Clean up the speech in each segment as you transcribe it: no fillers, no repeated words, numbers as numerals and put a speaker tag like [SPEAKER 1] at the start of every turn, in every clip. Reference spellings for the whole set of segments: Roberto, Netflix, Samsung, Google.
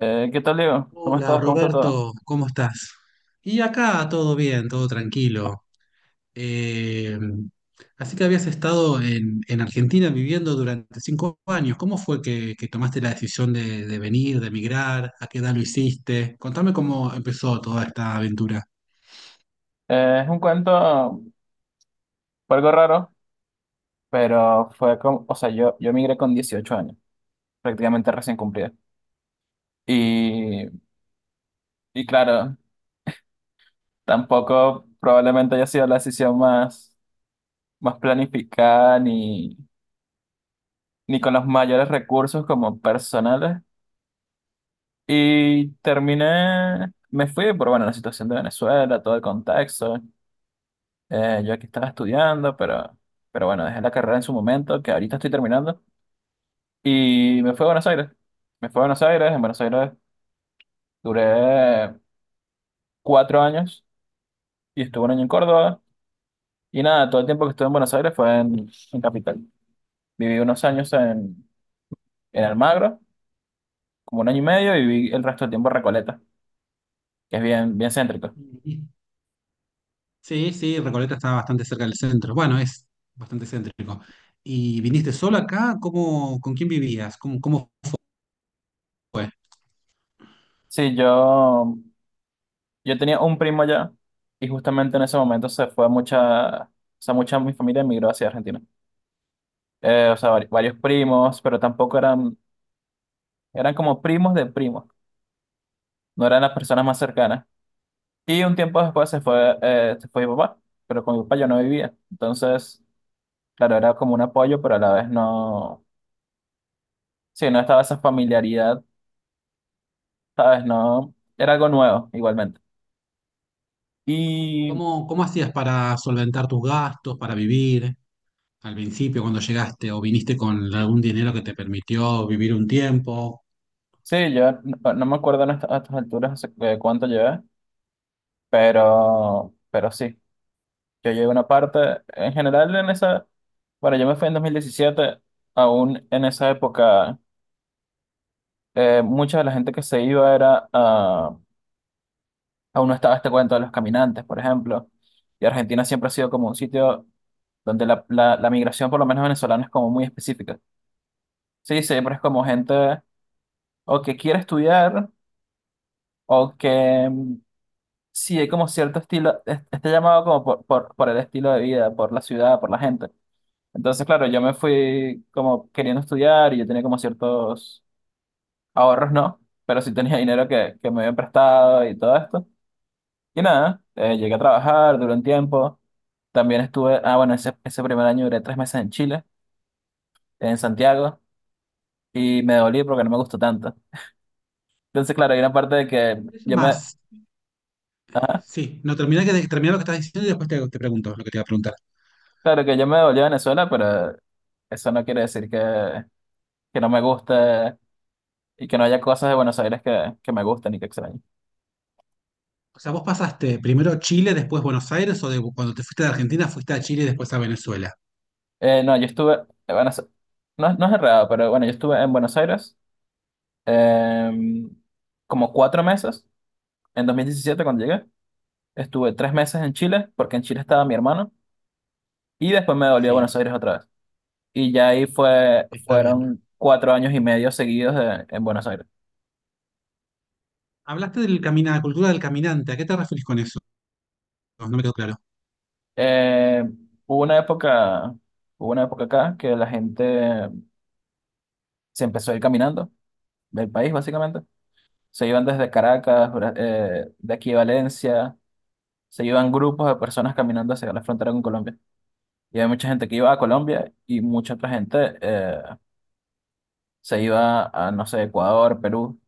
[SPEAKER 1] ¿Qué tal, Diego? ¿Cómo
[SPEAKER 2] Hola
[SPEAKER 1] estás? ¿Cómo está todo?
[SPEAKER 2] Roberto, ¿cómo estás? Y acá todo bien, todo tranquilo. Eh, Así que habías estado en Argentina viviendo durante 5 años. ¿Cómo fue que tomaste la decisión de venir, de emigrar? ¿A qué edad lo hiciste? Contame cómo empezó toda esta aventura.
[SPEAKER 1] Es un cuento, fue algo raro, pero fue como, o sea, yo migré con 18 años, prácticamente recién cumplida. Y, y claro, tampoco probablemente haya sido la decisión más planificada ni con los mayores recursos como personales. Y terminé, me fui por, bueno, la situación de Venezuela, todo el contexto. Yo aquí estaba estudiando, pero bueno, dejé la carrera en su momento, que ahorita estoy terminando. Y me fui a Buenos Aires. Me fui a Buenos Aires. En Buenos Aires duré 4 años y estuve un año en Córdoba. Y nada, todo el tiempo que estuve en Buenos Aires fue en Capital. Viví unos años en Almagro, como un año y medio, y viví el resto del tiempo en Recoleta, que es bien, bien céntrico.
[SPEAKER 2] Y- Sí, sí, Recoleta está bastante cerca del centro. Bueno, es bastante céntrico. ¿Y viniste solo acá? ¿Cómo, con quién vivías? ¿Cómo, cómo fue?
[SPEAKER 1] Sí, yo tenía un primo allá y justamente en ese momento se fue mucha, o sea, mucha de mi familia emigró hacia Argentina. O sea, varios primos, pero tampoco eran como primos de primos, no eran las personas más cercanas. Y un tiempo después se fue mi papá, pero con mi papá yo no vivía. Entonces, claro, era como un apoyo, pero a la vez no, sí, no estaba esa familiaridad, ¿sabes? No, era algo nuevo igualmente. Y
[SPEAKER 2] ¿Cómo, cómo hacías para solventar tus gastos, para vivir al principio cuando llegaste o viniste con algún dinero que te permitió vivir un tiempo?
[SPEAKER 1] sí, yo no me acuerdo en a estas alturas hace cuánto llevé, pero sí, yo llegué una parte, en general en esa, bueno, yo me fui en 2017 aún en esa época. Mucha de la gente que se iba era, aún no estaba este cuento de los caminantes, por ejemplo. Y Argentina siempre ha sido como un sitio donde la migración, por lo menos venezolana, es como muy específica. Sí, siempre es como gente o que quiere estudiar o sí hay como cierto estilo, está llamado como por el estilo de vida, por la ciudad, por la gente. Entonces, claro, yo me fui como queriendo estudiar y yo tenía como ciertos ahorros, ¿no? Pero sí tenía dinero que me habían prestado y todo esto. Y nada, llegué a trabajar durante un tiempo. También estuve, ah, bueno, ese primer año duré 3 meses en Chile, en Santiago, y me devolví porque no me gustó tanto. Entonces, claro, hay una parte de que
[SPEAKER 2] Eso más.
[SPEAKER 1] ajá,
[SPEAKER 2] Sí, no, terminé, que, terminá lo que estás diciendo y después te pregunto lo que te iba a preguntar.
[SPEAKER 1] claro que yo me devolví a Venezuela, pero eso no quiere decir que no me gusta y que no haya cosas de Buenos Aires que me gustan y que extraño.
[SPEAKER 2] O sea, vos pasaste primero Chile, después Buenos Aires, o de- cuando te fuiste de Argentina fuiste a Chile y después a Venezuela.
[SPEAKER 1] No, yo estuve, bueno, no, no es errado, pero bueno, yo estuve en Buenos Aires, em, como 4 meses, en 2017 cuando llegué, estuve 3 meses en Chile, porque en Chile estaba mi hermano, y después me devolví a Buenos
[SPEAKER 2] Sí,
[SPEAKER 1] Aires otra vez. Y ya ahí fue,
[SPEAKER 2] está bien.
[SPEAKER 1] fueron 4 años y medio seguidos en Buenos Aires.
[SPEAKER 2] Hablaste del camina, cultura del caminante. ¿A qué te referís con eso? No me quedó claro.
[SPEAKER 1] Eh, hubo una época, hubo una época acá que la gente se empezó a ir caminando del país, básicamente. Se iban desde Caracas, de aquí a Valencia, se iban grupos de personas caminando hacia la frontera con Colombia. Y había mucha gente que iba a Colombia y mucha otra gente se iba a, no sé, Ecuador, Perú,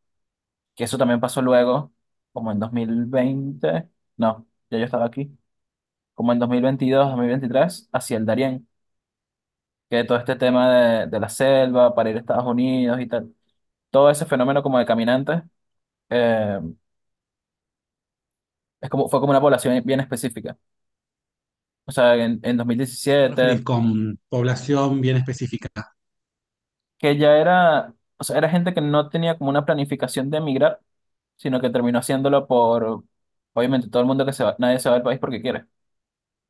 [SPEAKER 1] que eso también pasó luego, como en 2020. No, ya yo estaba aquí. Como en 2022, 2023 hacia el Darién, que todo este tema de la selva para ir a Estados Unidos y tal. Todo ese fenómeno como de caminantes, eh, es como, fue como una población bien específica. O sea, en dos mil
[SPEAKER 2] ¿Te
[SPEAKER 1] diecisiete
[SPEAKER 2] referís con población bien específica?
[SPEAKER 1] que ya era, o sea, era gente que no tenía como una planificación de emigrar, sino que terminó haciéndolo por, obviamente, todo el mundo que se va, nadie se va del país porque quiere.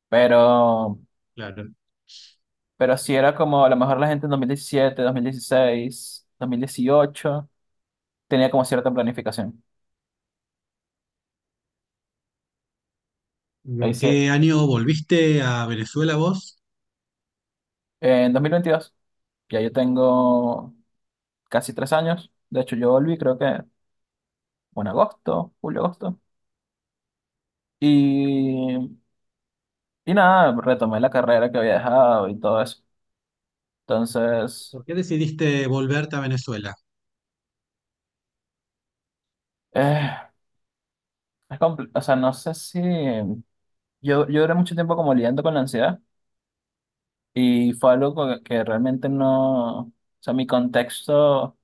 [SPEAKER 1] Pero,
[SPEAKER 2] Claro.
[SPEAKER 1] pero sí era como, a lo mejor la gente en dos mil diecisiete, 2016, 2018 tenía como cierta planificación.
[SPEAKER 2] ¿Y
[SPEAKER 1] Ahí
[SPEAKER 2] en
[SPEAKER 1] sí,
[SPEAKER 2] qué año volviste a Venezuela vos?
[SPEAKER 1] en 2022 ya yo tengo casi 3 años. De hecho, yo volví creo que en agosto, julio, agosto. Y, y nada, retomé la carrera que había dejado y todo eso. Entonces,
[SPEAKER 2] ¿Por qué decidiste volverte a Venezuela?
[SPEAKER 1] eh, es o sea, no sé si. Yo duré mucho tiempo como lidiando con la ansiedad y fue algo que realmente no. O sea, mi contexto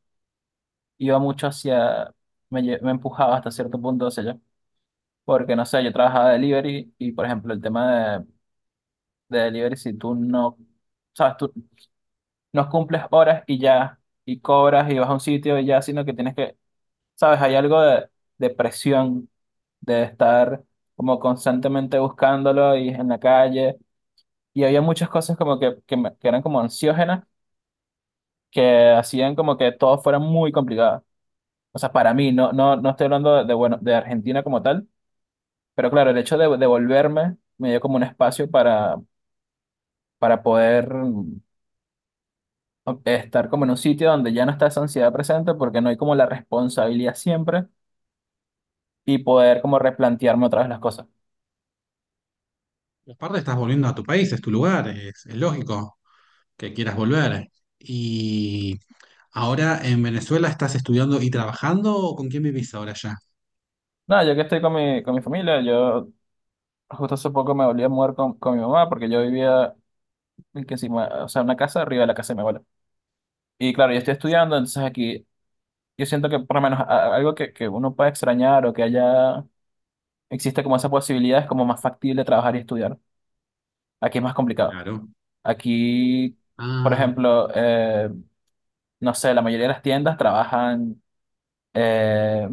[SPEAKER 1] iba mucho hacia. Me empujaba hasta cierto punto hacia allá. Porque, no sé, yo trabajaba de delivery y, por ejemplo, el tema de delivery, si tú no, sabes, tú no cumples horas y ya, y cobras y vas a un sitio y ya, sino que tienes que, sabes, hay algo de presión, de estar como constantemente buscándolo y en la calle. Y había muchas cosas como que, que eran como ansiógenas, que hacían como que todo fuera muy complicado. O sea, para mí, no, no, no estoy hablando de, bueno, de Argentina como tal, pero claro, el hecho de volverme me dio como un espacio para poder estar como en un sitio donde ya no está esa ansiedad presente porque no hay como la responsabilidad siempre y poder como replantearme otra vez las cosas.
[SPEAKER 2] Y aparte estás volviendo a tu país, es tu lugar, es lógico que quieras volver. ¿Y ahora en Venezuela estás estudiando y trabajando o con quién vivís ahora ya?
[SPEAKER 1] Nada, yo que estoy con mi familia, yo justo hace poco me volví a mudar con mi mamá porque yo vivía en que encima, o sea, una casa arriba de la casa de mi abuela. Y claro, yo estoy estudiando, entonces aquí yo siento que por lo menos algo que uno pueda extrañar o que haya, existe como esa posibilidad, es como más factible trabajar y estudiar. Aquí es más complicado.
[SPEAKER 2] Claro.
[SPEAKER 1] Aquí, por
[SPEAKER 2] Ah,
[SPEAKER 1] ejemplo, no sé, la mayoría de las tiendas trabajan, eh,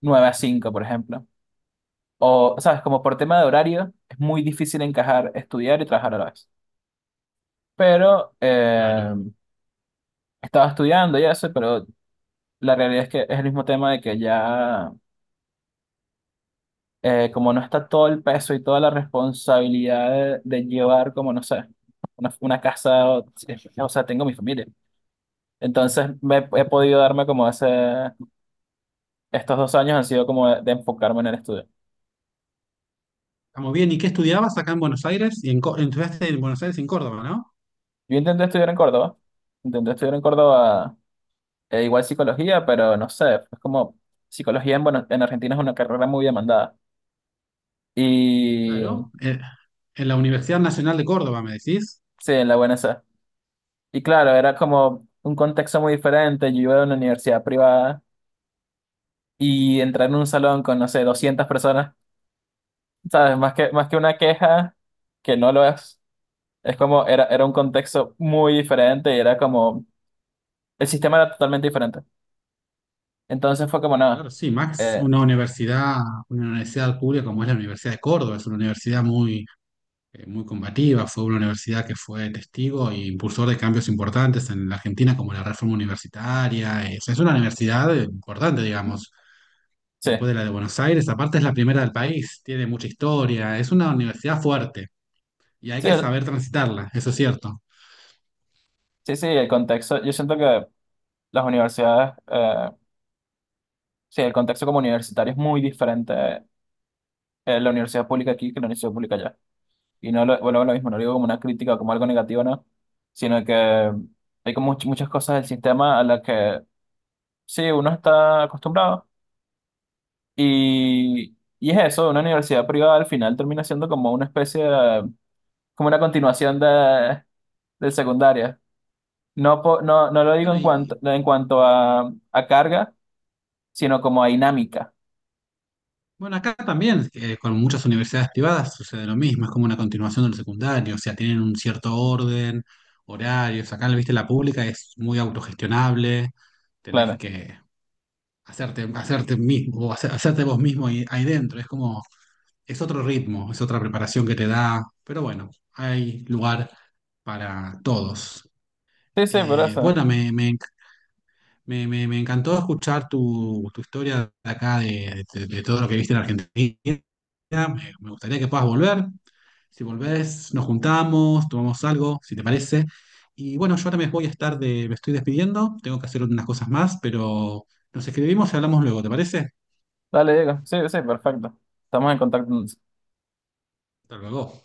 [SPEAKER 1] 9 a 5 por ejemplo. O, sabes, como por tema de horario, es muy difícil encajar estudiar y trabajar a la vez. Pero
[SPEAKER 2] claro.
[SPEAKER 1] estaba estudiando y eso, pero la realidad es que es el mismo tema de que ya, como no está todo el peso y toda la responsabilidad de llevar, como no sé, una casa, o sea, tengo mi familia. Entonces me, he podido darme como ese, estos 2 años han sido como de enfocarme en el estudio.
[SPEAKER 2] Estamos bien. ¿Y qué estudiabas acá en Buenos Aires? Y en, Co- estudiaste en Buenos Aires y en Córdoba, ¿no?
[SPEAKER 1] Yo intenté estudiar en Córdoba. Igual psicología, pero no sé, es como psicología en, en Argentina es una carrera muy demandada. Y
[SPEAKER 2] Claro. En la Universidad Nacional de Córdoba, ¿me decís?
[SPEAKER 1] sí, en la UNC. Y claro, era como un contexto muy diferente. Yo iba a una universidad privada y entrar en un salón con, no sé, 200 personas, ¿sabes? Más que una queja, que no lo es como era, era un contexto muy diferente y era como, el sistema era totalmente diferente. Entonces fue como nada.
[SPEAKER 2] Claro, sí, Max,
[SPEAKER 1] eh,
[SPEAKER 2] una universidad pública como es la Universidad de Córdoba, es una universidad muy, muy combativa, fue una universidad que fue testigo e impulsor de cambios importantes en la Argentina, como la reforma universitaria, o sea, es una universidad importante, digamos,
[SPEAKER 1] sí,
[SPEAKER 2] después de la de Buenos Aires, aparte es la primera del país, tiene mucha historia, es una universidad fuerte y hay
[SPEAKER 1] sí,
[SPEAKER 2] que
[SPEAKER 1] el-
[SPEAKER 2] saber transitarla, eso es cierto.
[SPEAKER 1] sí, sí, el contexto, yo siento que las universidades. Sí, el contexto como universitario es muy diferente, la universidad pública aquí que la universidad pública allá. Y no lo, vuelvo a lo mismo, no lo digo como una crítica o como algo negativo, no, sino que hay como muchas cosas del sistema a las que sí, uno está acostumbrado. Y es eso, una universidad privada al final termina siendo como una especie de, como una continuación del secundaria. No, no, no lo digo
[SPEAKER 2] Bueno,
[SPEAKER 1] en
[SPEAKER 2] y
[SPEAKER 1] cuanto a, carga, sino como a dinámica.
[SPEAKER 2] bueno, acá también, con muchas universidades privadas sucede lo mismo, es como una continuación del secundario, o sea, tienen un cierto orden, horarios, acá, viste, la pública es muy autogestionable, tenés
[SPEAKER 1] Claro.
[SPEAKER 2] que hacerte, hacerte mismo, o hace- hacerte vos mismo ahí, ahí dentro, es como, es otro ritmo, es otra preparación que te da, pero bueno, hay lugar para todos.
[SPEAKER 1] Sí, sí, por eso.
[SPEAKER 2] Bueno, me encantó escuchar tu, tu historia de acá, de todo lo que viste en Argentina. Me gustaría que puedas volver. Si volvés, nos juntamos, tomamos algo, si te parece. Y bueno, yo ahora me voy a estar de, me estoy despidiendo, tengo que hacer unas cosas más, pero nos escribimos y hablamos luego, ¿te parece?
[SPEAKER 1] Dale, Diego. Sí, sí, perfecto. Estamos en contacto.
[SPEAKER 2] Hasta luego.